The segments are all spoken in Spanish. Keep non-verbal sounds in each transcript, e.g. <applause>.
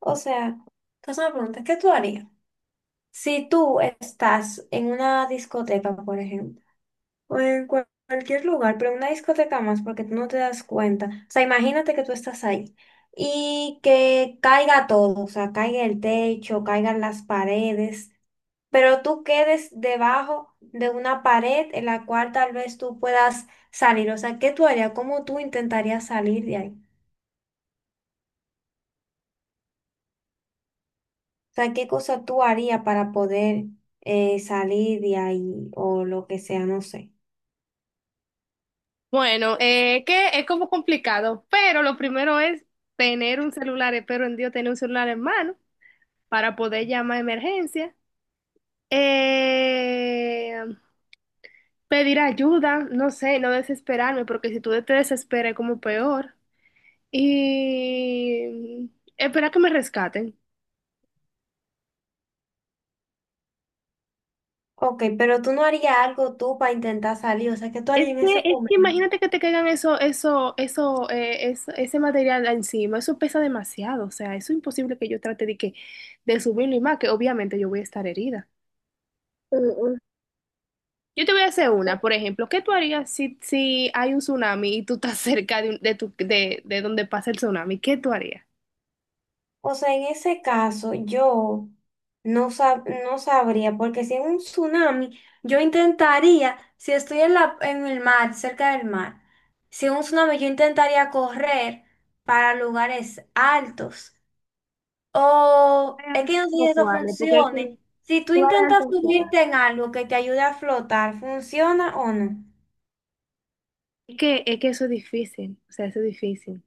O sea, entonces me pregunta, ¿qué tú harías? Si tú estás en una discoteca, por ejemplo, o cualquier lugar, pero en una discoteca más, porque tú no te das cuenta. O sea, imagínate que tú estás ahí y que caiga todo, o sea, caiga el techo, caigan las paredes, pero tú quedes debajo de una pared en la cual tal vez tú puedas salir. O sea, ¿qué tú harías? ¿Cómo tú intentarías salir de ahí? Sea, ¿qué cosa tú harías para poder salir de ahí o lo que sea, ¿no sé? Bueno, que es como complicado, pero lo primero es tener un celular, espero en Dios tener un celular en mano para poder llamar a emergencia. Eh, Pedir ayuda, no sé, no desesperarme, porque si tú te desesperas es como peor, y esperar que me rescaten. Ok, pero tú no harías algo tú para intentar salir, o sea, ¿qué tú Es harías en que, ese es que momento? imagínate que te caigan eso, ese material encima, eso pesa demasiado, o sea, eso es imposible que yo trate de que, de subirlo y más, que obviamente yo voy a estar herida. Mm. Yo te voy a hacer una, por ejemplo, ¿qué tú harías si, si hay un tsunami y tú estás <laughs> cerca de, de, de donde pasa el tsunami? ¿Qué tú harías? O sea, en ese caso, yo no sabría, porque si en un tsunami, yo intentaría, si estoy en el mar, cerca del mar, si en un tsunami, yo intentaría correr para lugares altos. O es que Variantes no sé si como eso cuáles, porque es que funcione. Si tú intentas variantes subirte en algo que te ayude a flotar, ¿funciona o no? es que eso es difícil, o sea, eso es difícil.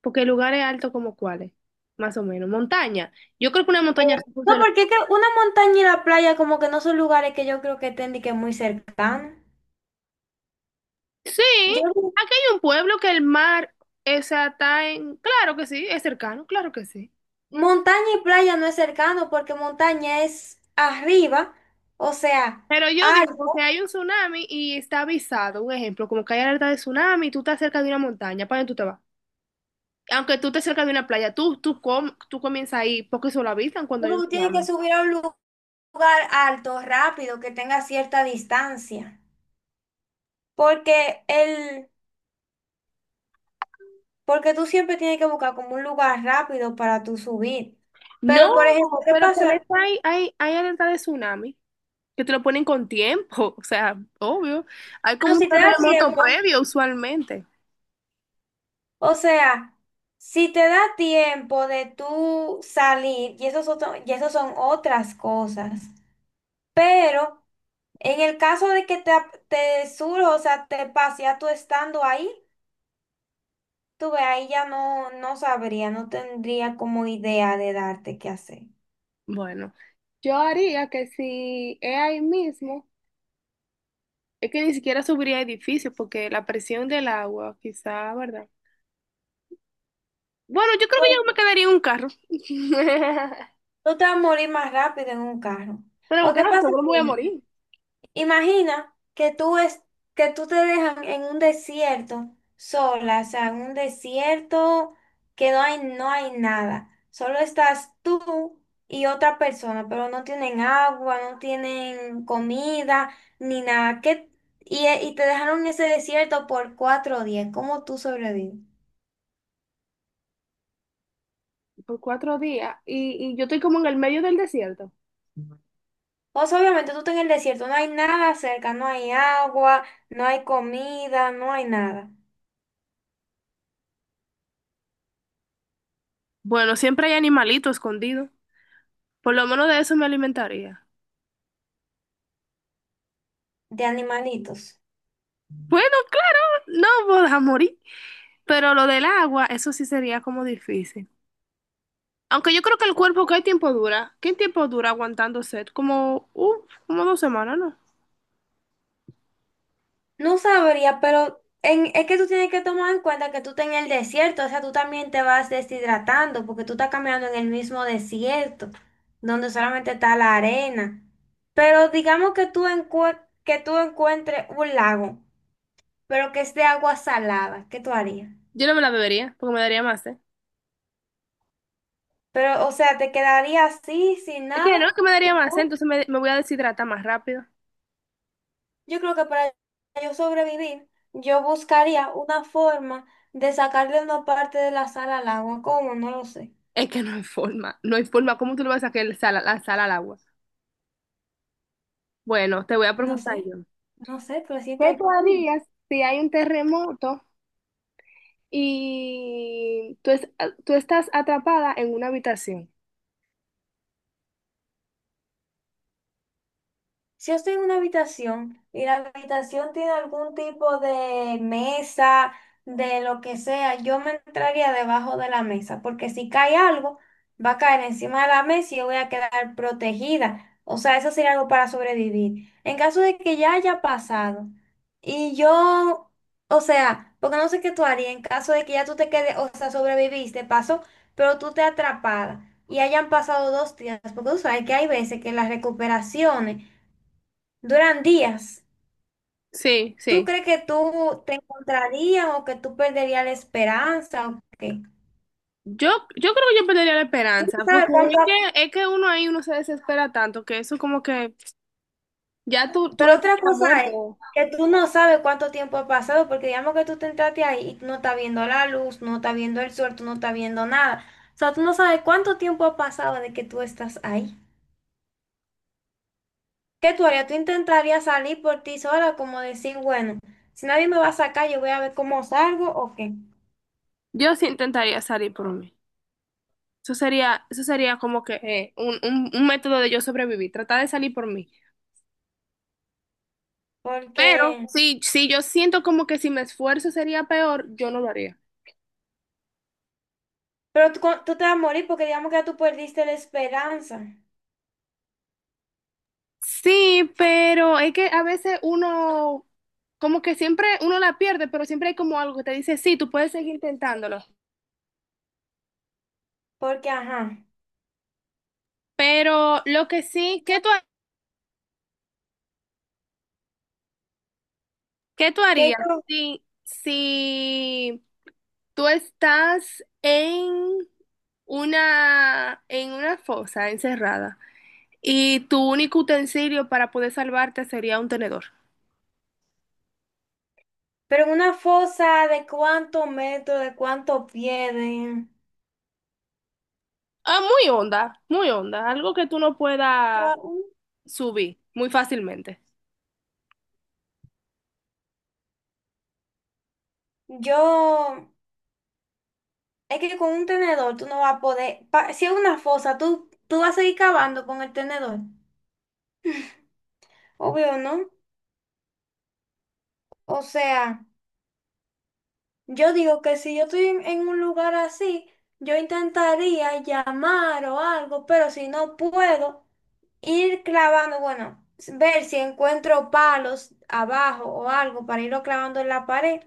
Porque lugares altos como cuáles, más o menos. Montaña. Yo creo que una montaña Eh, sí No, funciona. porque es que una montaña y la playa como que no son lugares que yo creo que estén de que muy cercanos. Sí, Yo, aquí hay un pueblo que el mar, o sea, está en... Claro que sí, es cercano, claro que sí. montaña y playa no es cercano porque montaña es arriba, o sea, Pero yo digo que alto. hay un tsunami y está avisado, un ejemplo, como que hay alerta de tsunami y tú estás cerca de una montaña, ¿para dónde tú te vas? Aunque tú estés cerca de una playa, tú comienzas ahí, porque eso lo avisan cuando hay un Uno tiene que tsunami. subir a lugar alto, rápido, que tenga cierta distancia. Porque el, porque tú siempre tienes que buscar como un lugar rápido para tú subir. No, Pero, por ejemplo, ¿qué pero que ves pasa? hay, hay alerta de tsunami, que te lo ponen con tiempo, <laughs> o sea, obvio. Hay Ah, como no, un si te da terremoto tiempo, previo usualmente. o sea, si te da tiempo de tú salir, y eso son otras cosas. Pero en el caso de que te surja, o sea, te pase ya tú estando ahí, tú ve, ahí ya no, no sabría, no tendría como idea de darte qué hacer. Bueno, yo haría que si es ahí mismo, es que ni siquiera subiría edificios, porque la presión del agua, quizá, ¿verdad? Bueno, yo creo que yo me Tú quedaría en un carro. <laughs> tú te vas a morir más rápido en un carro. Pero ¿O qué claro, pasa? seguro me voy a morir Imagina que que tú te dejan en un desierto sola, o sea, en un desierto que no hay, no hay nada. Solo estás tú y otra persona, pero no tienen agua, no tienen comida, ni nada. Y, y te dejaron en ese desierto por 4 días. ¿Cómo tú sobrevives? por 4 días. Y yo estoy como en el medio del desierto. O sea, obviamente tú estás en el desierto, no hay nada cerca, no hay agua, no hay comida, no hay nada Bueno, siempre hay animalito escondido. Por lo menos de eso me alimentaría. de animalitos. Bueno, claro, no voy a morir. Pero lo del agua, eso sí sería como difícil. Aunque yo creo que el cuerpo, ¿qué tiempo dura? ¿Qué tiempo dura aguantando sed? Como, uf, como 2 semanas, ¿no? No sabría, pero es que tú tienes que tomar en cuenta que tú estás en el desierto, o sea, tú también te vas deshidratando porque tú estás caminando en el mismo desierto, donde solamente está la arena. Pero digamos que que tú encuentres un lago, pero que es de agua salada, ¿qué tú harías? Yo no me la bebería, porque me daría más sed. Pero, o sea, te quedaría así, sin Es nada. que no, que me daría más sed, Igual, entonces me voy a deshidratar más rápido. yo creo que para yo sobrevivir, yo buscaría una forma de sacarle una parte de la sal al agua, ¿cómo? No lo sé. Es que no hay forma, no hay forma. ¿Cómo tú le vas a sacar el sal, la sal al agua? Bueno, te voy a No preguntar sé, yo. no sé, pero siempre ¿Qué hay tú forma. harías si hay un terremoto y tú estás atrapada en una habitación? Si yo estoy en una habitación y la habitación tiene algún tipo de mesa, de lo que sea, yo me entraría debajo de la mesa, porque si cae algo, va a caer encima de la mesa y yo voy a quedar protegida. O sea, eso sería algo para sobrevivir. En caso de que ya haya pasado y yo, o sea, porque no sé qué tú harías en caso de que ya tú te quedes, o sea, sobreviviste, pasó, pero tú te atrapada y hayan pasado 2 días, porque tú sabes que hay veces que las recuperaciones duran días. Sí, ¿Tú sí. crees que tú te encontrarías o que tú perderías la esperanza o qué? Yo, yo creo que yo perdería la Tú no esperanza, sabes porque es cuánto, que, es que uno ahí uno se desespera tanto que eso como que ya tú le pero pones otra pasas cosa es muerto. que tú no sabes cuánto tiempo ha pasado, porque digamos que tú te entraste ahí y tú no estás viendo la luz, no estás viendo el sol, tú no estás viendo nada. O sea, tú no sabes cuánto tiempo ha pasado de que tú estás ahí. ¿Qué tú harías? Tú intentarías salir por ti sola, como decir, bueno, si nadie me va a sacar, yo voy a ver cómo salgo o qué. Yo sí intentaría salir por mí. Eso sería como que un método de yo sobrevivir, tratar de salir por mí. Pero Porque si, si yo siento como que si me esfuerzo sería peor, yo no lo haría. pero tú, tú te vas a morir porque digamos que ya tú perdiste la esperanza. Sí, pero es que a veces uno, como que siempre uno la pierde, pero siempre hay como algo que te dice, sí, tú puedes seguir intentándolo. Porque, ajá. Pero lo que sí, qué tú Que harías yo, si, si tú estás en una fosa encerrada y tu único utensilio para poder salvarte sería un tenedor? pero en una fosa de cuántos metros, de cuántos pies, de... Ah, muy honda, algo que tú no puedas subir muy fácilmente. Yo, es que con un tenedor tú no vas a poder, si es una fosa, tú vas a seguir cavando con el tenedor. Obvio, ¿no? O sea, yo digo que si yo estoy en un lugar así, yo intentaría llamar o algo, pero si no puedo, ir clavando, bueno, ver si encuentro palos abajo o algo para irlo clavando en la pared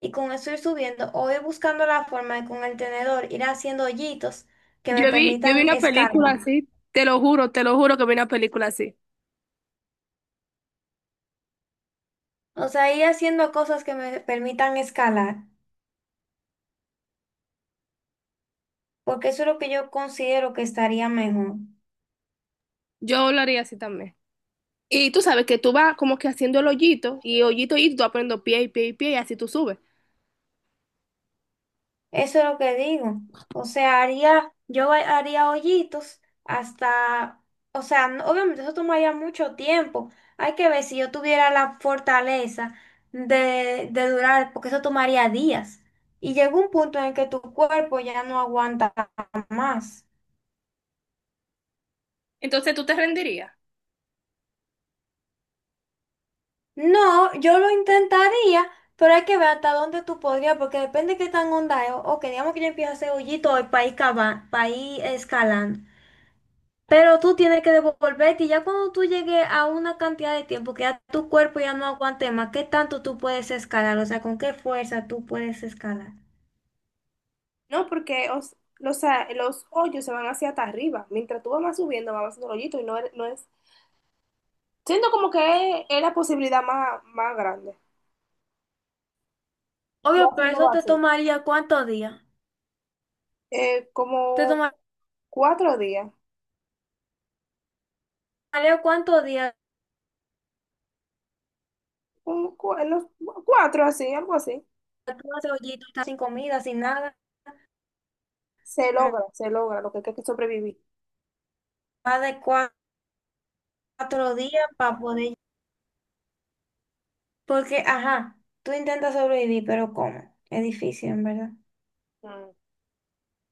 y con eso ir subiendo o ir buscando la forma de con el tenedor ir haciendo hoyitos que me Yo vi permitan una película escalar. así, te lo juro que vi una película así. O sea, ir haciendo cosas que me permitan escalar, porque eso es lo que yo considero que estaría mejor. Yo lo haría así también. Y tú sabes que tú vas como que haciendo el hoyito y hoyito y tú vas poniendo pie y pie y pie y así tú subes. Eso es lo que digo. O sea, haría, haría hoyitos hasta, o sea, no, obviamente eso tomaría mucho tiempo. Hay que ver si yo tuviera la fortaleza de durar, porque eso tomaría días. Y llega un punto en el que tu cuerpo ya no aguanta más. Entonces tú te rendirías. No, yo lo intentaría, pero hay que ver hasta dónde tú podrías, porque depende de qué tan onda es. O que digamos que yo empiezo a hacer hoyitos para ir, para ir escalando. Pero tú tienes que devolverte y ya cuando tú llegues a una cantidad de tiempo que ya tu cuerpo ya no aguante más, ¿qué tanto tú puedes escalar? O sea, ¿con qué fuerza tú puedes escalar? No, porque los, los hoyos se van hacia hasta arriba. Mientras tú vas más subiendo, vas haciendo el hoyito y no, no es. Siento como que es la posibilidad más, más grande. Tú Obvio, pero haciéndolo eso te así. tomaría cuántos días. Te Como 4 días. tomaría cuántos días. un cu- en los- Cuatro así, algo así. Tú haces hoyito, estás sin comida, sin nada, m- Se logra lo que hay que sobrevivir. más de 4 días para poder... Porque, ajá, tú intentas sobrevivir, pero ¿cómo? Es difícil, en verdad. Mm.